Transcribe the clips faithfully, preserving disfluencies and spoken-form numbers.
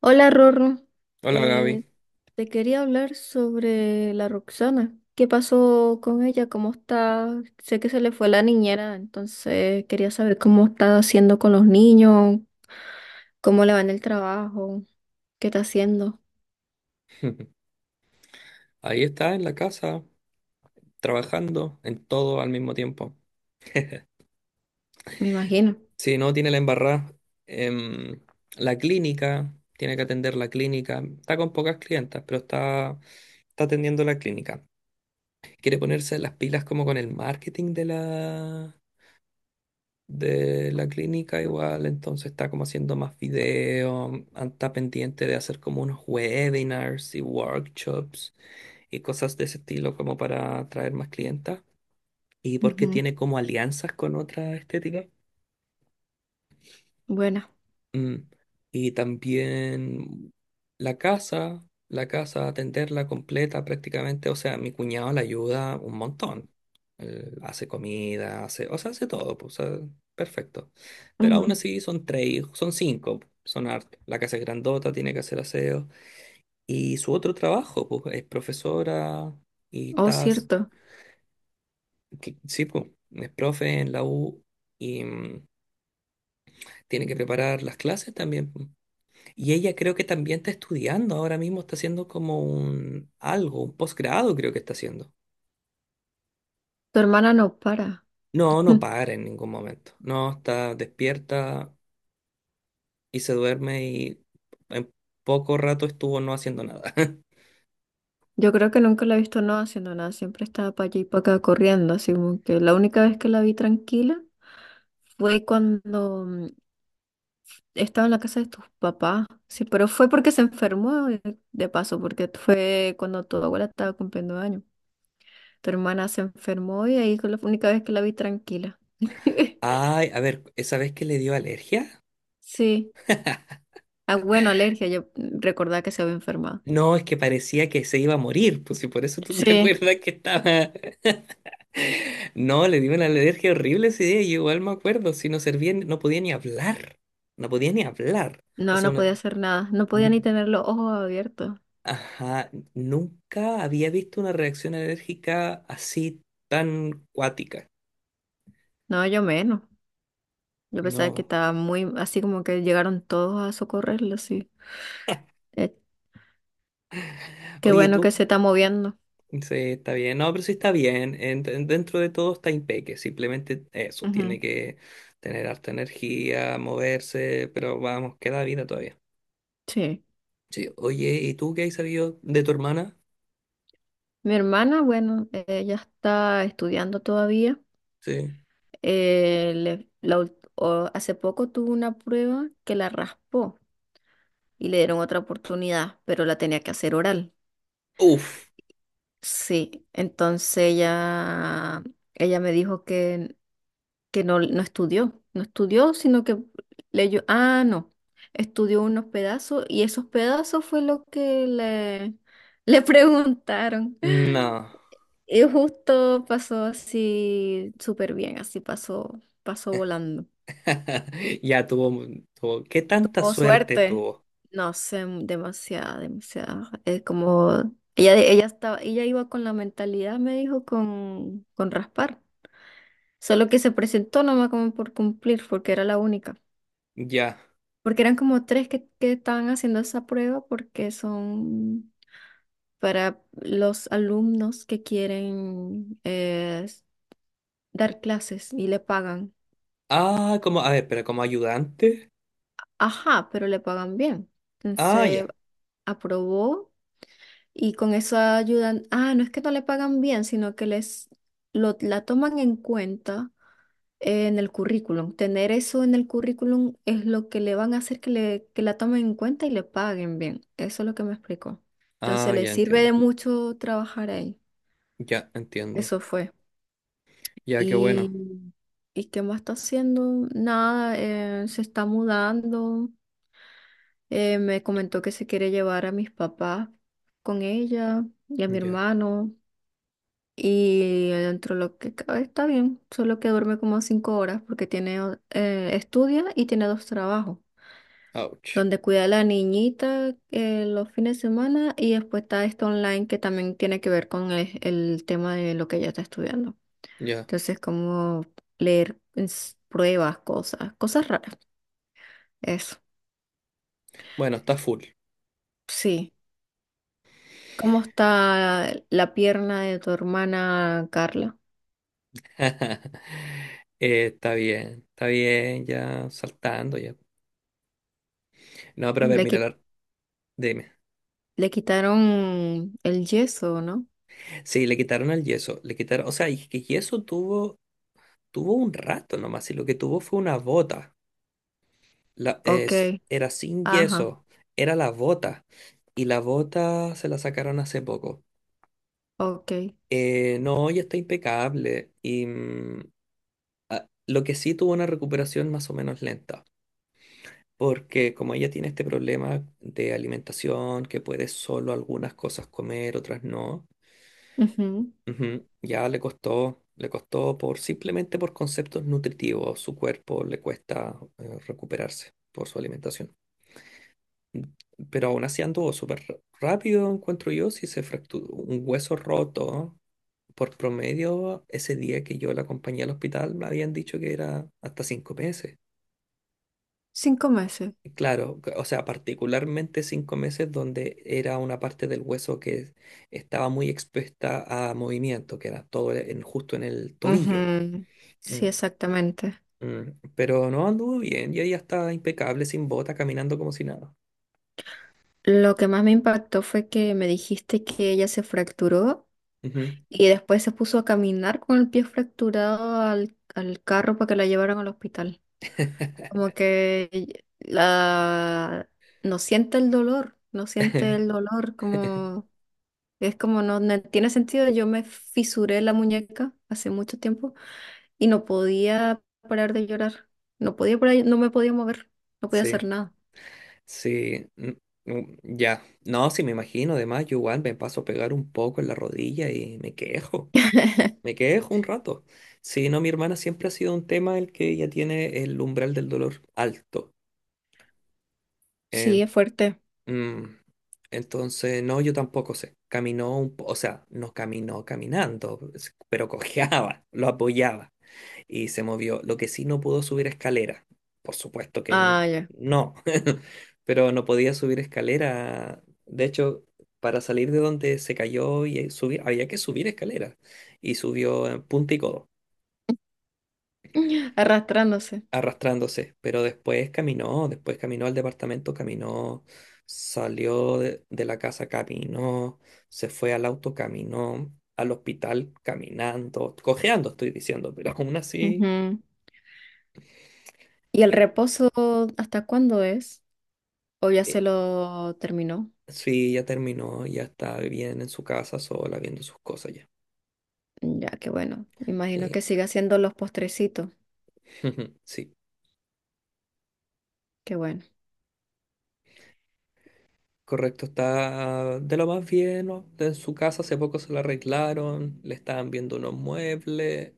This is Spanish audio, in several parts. Hola Rorro, Hola Eh, Gaby. te quería hablar sobre la Roxana. ¿Qué pasó con ella? ¿Cómo está? Sé que se le fue la niñera, entonces quería saber cómo está haciendo con los niños, cómo le va en el trabajo, qué está haciendo, Ahí está en la casa, trabajando en todo al mismo tiempo. me imagino. Sí, no, tiene la embarrada. em, la clínica, tiene que atender la clínica. Está con pocas clientas, pero está, está atendiendo la clínica. Quiere ponerse las pilas como con el marketing de la, de la clínica igual, entonces está como haciendo más videos, está pendiente de hacer como unos webinars y workshops y cosas de ese estilo como para atraer más clientas. Y porque Ujú, tiene como alianzas con otras estéticas. buena. Mm. Y también la casa, la casa, atenderla completa prácticamente, o sea, mi cuñado la ayuda un montón. Él hace comida, hace, o sea, hace todo, pues, o sea, perfecto. Pero aún Ujú. así son tres, hijos- son cinco, son hartos. La casa es grandota, tiene que hacer aseo. Y su otro trabajo, pues, es profesora y Oh, estás, cierto, que- sí, pues, es profe en la U. Y, mm, tiene que preparar las clases también. Y ella creo que también está estudiando ahora mismo, está haciendo como un algo, un posgrado creo que está haciendo. tu hermana no para. No, no para en ningún momento. No, está despierta y se duerme y en poco rato estuvo no haciendo nada. Yo creo que nunca la he visto no haciendo nada, siempre estaba para allí y para acá corriendo, así como que la única vez que la vi tranquila fue cuando estaba en la casa de tus papás, sí, pero fue porque se enfermó eh, de paso, porque fue cuando tu abuela estaba cumpliendo años. Tu hermana se enfermó y ahí fue la única vez que la vi tranquila. Ay, a ver, ¿esa vez que le dio alergia? Sí. Ah, bueno, alergia, yo recordaba que se había enfermado. No, es que parecía que se iba a morir, pues si por eso tú me Sí. acuerdas que estaba. No, le di una alergia horrible ese día, yo igual me acuerdo, si no servía, ni- no podía ni hablar, no podía ni hablar. O No, sea, no una... podía hacer nada, no podía n- ni tener los ojos abiertos. Ajá, nunca había visto una reacción alérgica así tan cuática. No, yo menos. Yo pensaba que No. estaba muy, así como que llegaron todos a socorrerlo, sí. Eh, qué Oye, bueno que tú, se está moviendo. sí, está bien. No, pero sí está bien. En- en- dentro de todo está impeque. Simplemente eso, Ujú, tiene que tener harta energía, moverse, pero vamos, queda vida todavía. sí. Sí, oye, ¿y tú qué has sabido de tu hermana? Mi hermana, bueno, ella está estudiando todavía. Sí. Eh, le- la ult- o- hace poco tuvo una prueba que la raspó y le dieron otra oportunidad, pero la tenía que hacer oral. Uf. Sí, entonces ella, ella me dijo que, que no, no estudió, no estudió, sino que leyó, ah, no, estudió unos pedazos y esos pedazos fue lo que le, le preguntaron. No. Y justo pasó así súper bien, así pasó, pasó volando. Ya tuvo, tuvo. ¿Qué tanta Tuvo suerte suerte. tuvo? No sé, demasiada, demasiada. Es como ella, ella estaba, ella iba con la mentalidad, me dijo, con, con raspar. Solo que se presentó nomás como por cumplir, porque era la única. Ya. Porque eran como tres que, que estaban haciendo esa prueba porque son para los alumnos que quieren eh, dar clases y le pagan. Ah, como, a ver, pero como ayudante. Ajá, pero le pagan bien. Ah, Entonces ya. aprobó y con eso ayudan. Ah, no es que no le pagan bien, sino que les lo, la toman en cuenta en el currículum. Tener eso en el currículum es lo que le van a hacer que, le, que la tomen en cuenta y le paguen bien. Eso es lo que me explicó. Entonces Ah, le ya sirve entiendo. de mucho trabajar ahí. Ya entiendo. Eso fue. Ya, qué Y, bueno. ¿y qué más está haciendo? Nada, eh, se está mudando. Eh, me comentó que se quiere llevar a mis papás con ella y a mi Ya. hermano. Y dentro de lo que cabe está bien, solo que duerme como cinco horas porque tiene, o- eh, estudia y tiene dos trabajos, Ouch. donde cuida a la niñita eh, los fines de semana y después está esto online que también tiene que ver con el, el tema de lo que ella está estudiando. Ya. Entonces, como leer ens- pruebas, cosas, cosas raras. Eso, Bueno, está full. sí. ¿Cómo está la pierna de tu hermana Carla? Eh, está bien, está bien, ya saltando ya. No, pero a ver, Le, mira, qui- la- dime. Le quitaron el yeso, ¿no? Sí, le quitaron el yeso, le quitaron, o sea, y que yeso tuvo, tuvo un rato nomás, y lo que tuvo fue una bota. La, Ok, es, era sin ajá, yeso, era la bota. Y la bota se la sacaron hace poco. ok. Eh, no, ya está impecable. Y mm, a- lo que sí tuvo una recuperación más o menos lenta. Porque como ella tiene este problema de alimentación, que puede solo algunas cosas comer, otras no, Ujú, ujú, ya le costó, le costó por simplemente por conceptos nutritivos. Su cuerpo le cuesta eh, recuperarse por su alimentación. Pero aún así anduvo súper rápido, encuentro yo, si se fracturó un hueso roto. Por promedio, ese día que yo la acompañé al hospital, me habían dicho que era hasta cinco meses. cinco meses. Y claro, c- o sea, particularmente cinco meses donde era una parte del hueso que estaba muy expuesta a movimiento, que era todo en- justo en el tobillo. Ujú, Mm, sí, exactamente. mm. Pero no anduvo bien, y ella estaba impecable, sin bota, caminando como si nada. Lo que más me impactó fue que me dijiste que ella se fracturó Ujú. y después se puso a caminar con el pie fracturado al, al carro para que la llevaran al hospital. Como que la, no siente el dolor, no siente el dolor, como es como no, no tiene sentido. Yo me fisuré la muñeca hace mucho tiempo y no podía parar de llorar. No podía parar, no me podía mover, no podía hacer Sí. nada. Sí, mm, mm, ya. No, sí, me imagino. Además, yo igual me paso a pegar un poco en la rodilla y me quejo. Me quejo un rato. Sí, no, mi hermana siempre ha sido un tema el que ella tiene el umbral del dolor alto. Sí, En- es fuerte. mm, entonces, no, yo tampoco sé. Caminó un po- o sea, no caminó caminando, es- pero cojeaba, lo apoyaba y se movió. Lo que sí no pudo subir escalera. Por supuesto que n- Ah, ya. no, pero no podía subir escalera. De hecho, para salir de donde se cayó y eh, subir, había que subir escalera. Y subió en punta y codo, Arrastrándose. arrastrándose. Pero después caminó, después caminó al departamento, caminó, salió de, de la casa, caminó, se fue al auto, caminó al hospital caminando, cojeando, estoy diciendo, pero aún así, Ujú. ¿Y el eh, reposo hasta cuándo es? ¿O ya eh, se lo terminó? sí, ya terminó, ya está bien en su casa sola, viendo sus cosas ya. Ya, qué bueno. Imagino que Sí, siga haciendo los postrecitos. sí, Qué bueno. correcto, está de lo más bien, ¿no? En su casa hace poco se la arreglaron, le estaban viendo unos muebles,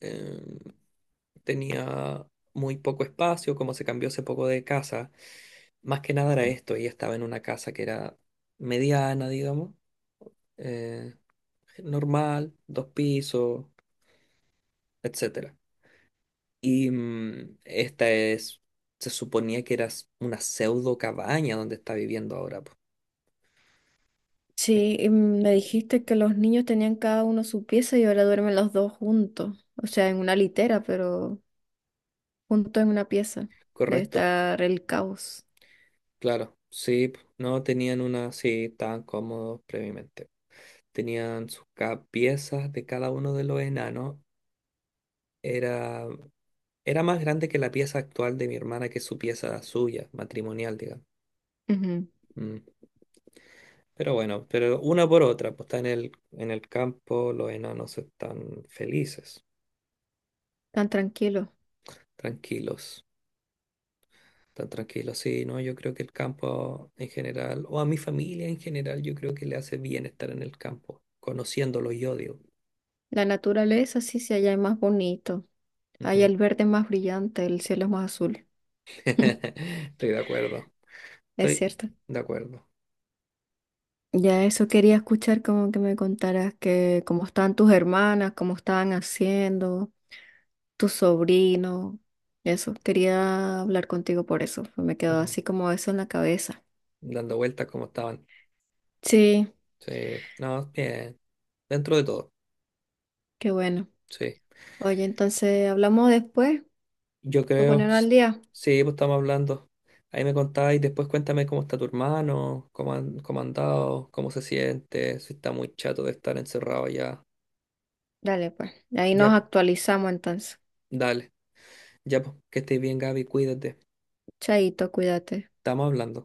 eh, tenía muy poco espacio, como se cambió hace poco de casa. Más que nada era esto, ella estaba en una casa que era mediana, digamos, eh, normal, dos pisos, etcétera. Y mm, esta es, se suponía que era s- una pseudo cabaña donde está viviendo ahora, po. Eh, Sí, y me dijiste que los niños tenían cada uno su pieza y ahora duermen los dos juntos, o sea, en una litera, pero juntos en una pieza. Debe Correcto, estar el caos. claro, sí, po. No tenían una, sí, tan cómodos previamente. Tenían sus ca- piezas de cada uno de los enanos, era, era más grande que la pieza actual de mi hermana, que es su pieza suya, matrimonial, digamos. Ujú. Mm. Pero bueno, pero una por otra, pues está en el, en el campo, los enanos están felices, Tan tranquilo. tranquilos. Tan tranquilo, sí, no, yo creo que el campo en general, o a mi familia en general, yo creo que le hace bien estar en el campo, conociéndolo yo, digo. La naturaleza sí, sí, allá es más bonito. Allá Ujú. el verde es más brillante, el cielo es más azul. Estoy de acuerdo, Es estoy cierto. de acuerdo. Ya eso quería escuchar como que me contaras que cómo estaban tus hermanas, cómo estaban haciendo. Tu sobrino. Eso, quería hablar contigo por eso, pues. Me quedó Ujú. así como eso en la cabeza. Dando vueltas como estaban. Sí, Sí, no, bien, dentro de todo, qué bueno. sí. Oye, entonces hablamos después, Yo para creo, poner s- al día. sí, pues estamos hablando. Ahí me contáis, después cuéntame cómo está tu hermano, cómo han, cómo ha andado, cómo se siente, si está muy chato de estar encerrado ya. Dale, pues. Ahí Ya, nos pues, actualizamos entonces. dale. Ya, pues, que estés bien, Gaby, cuídate. Chaito, cuídate. Estamos hablando.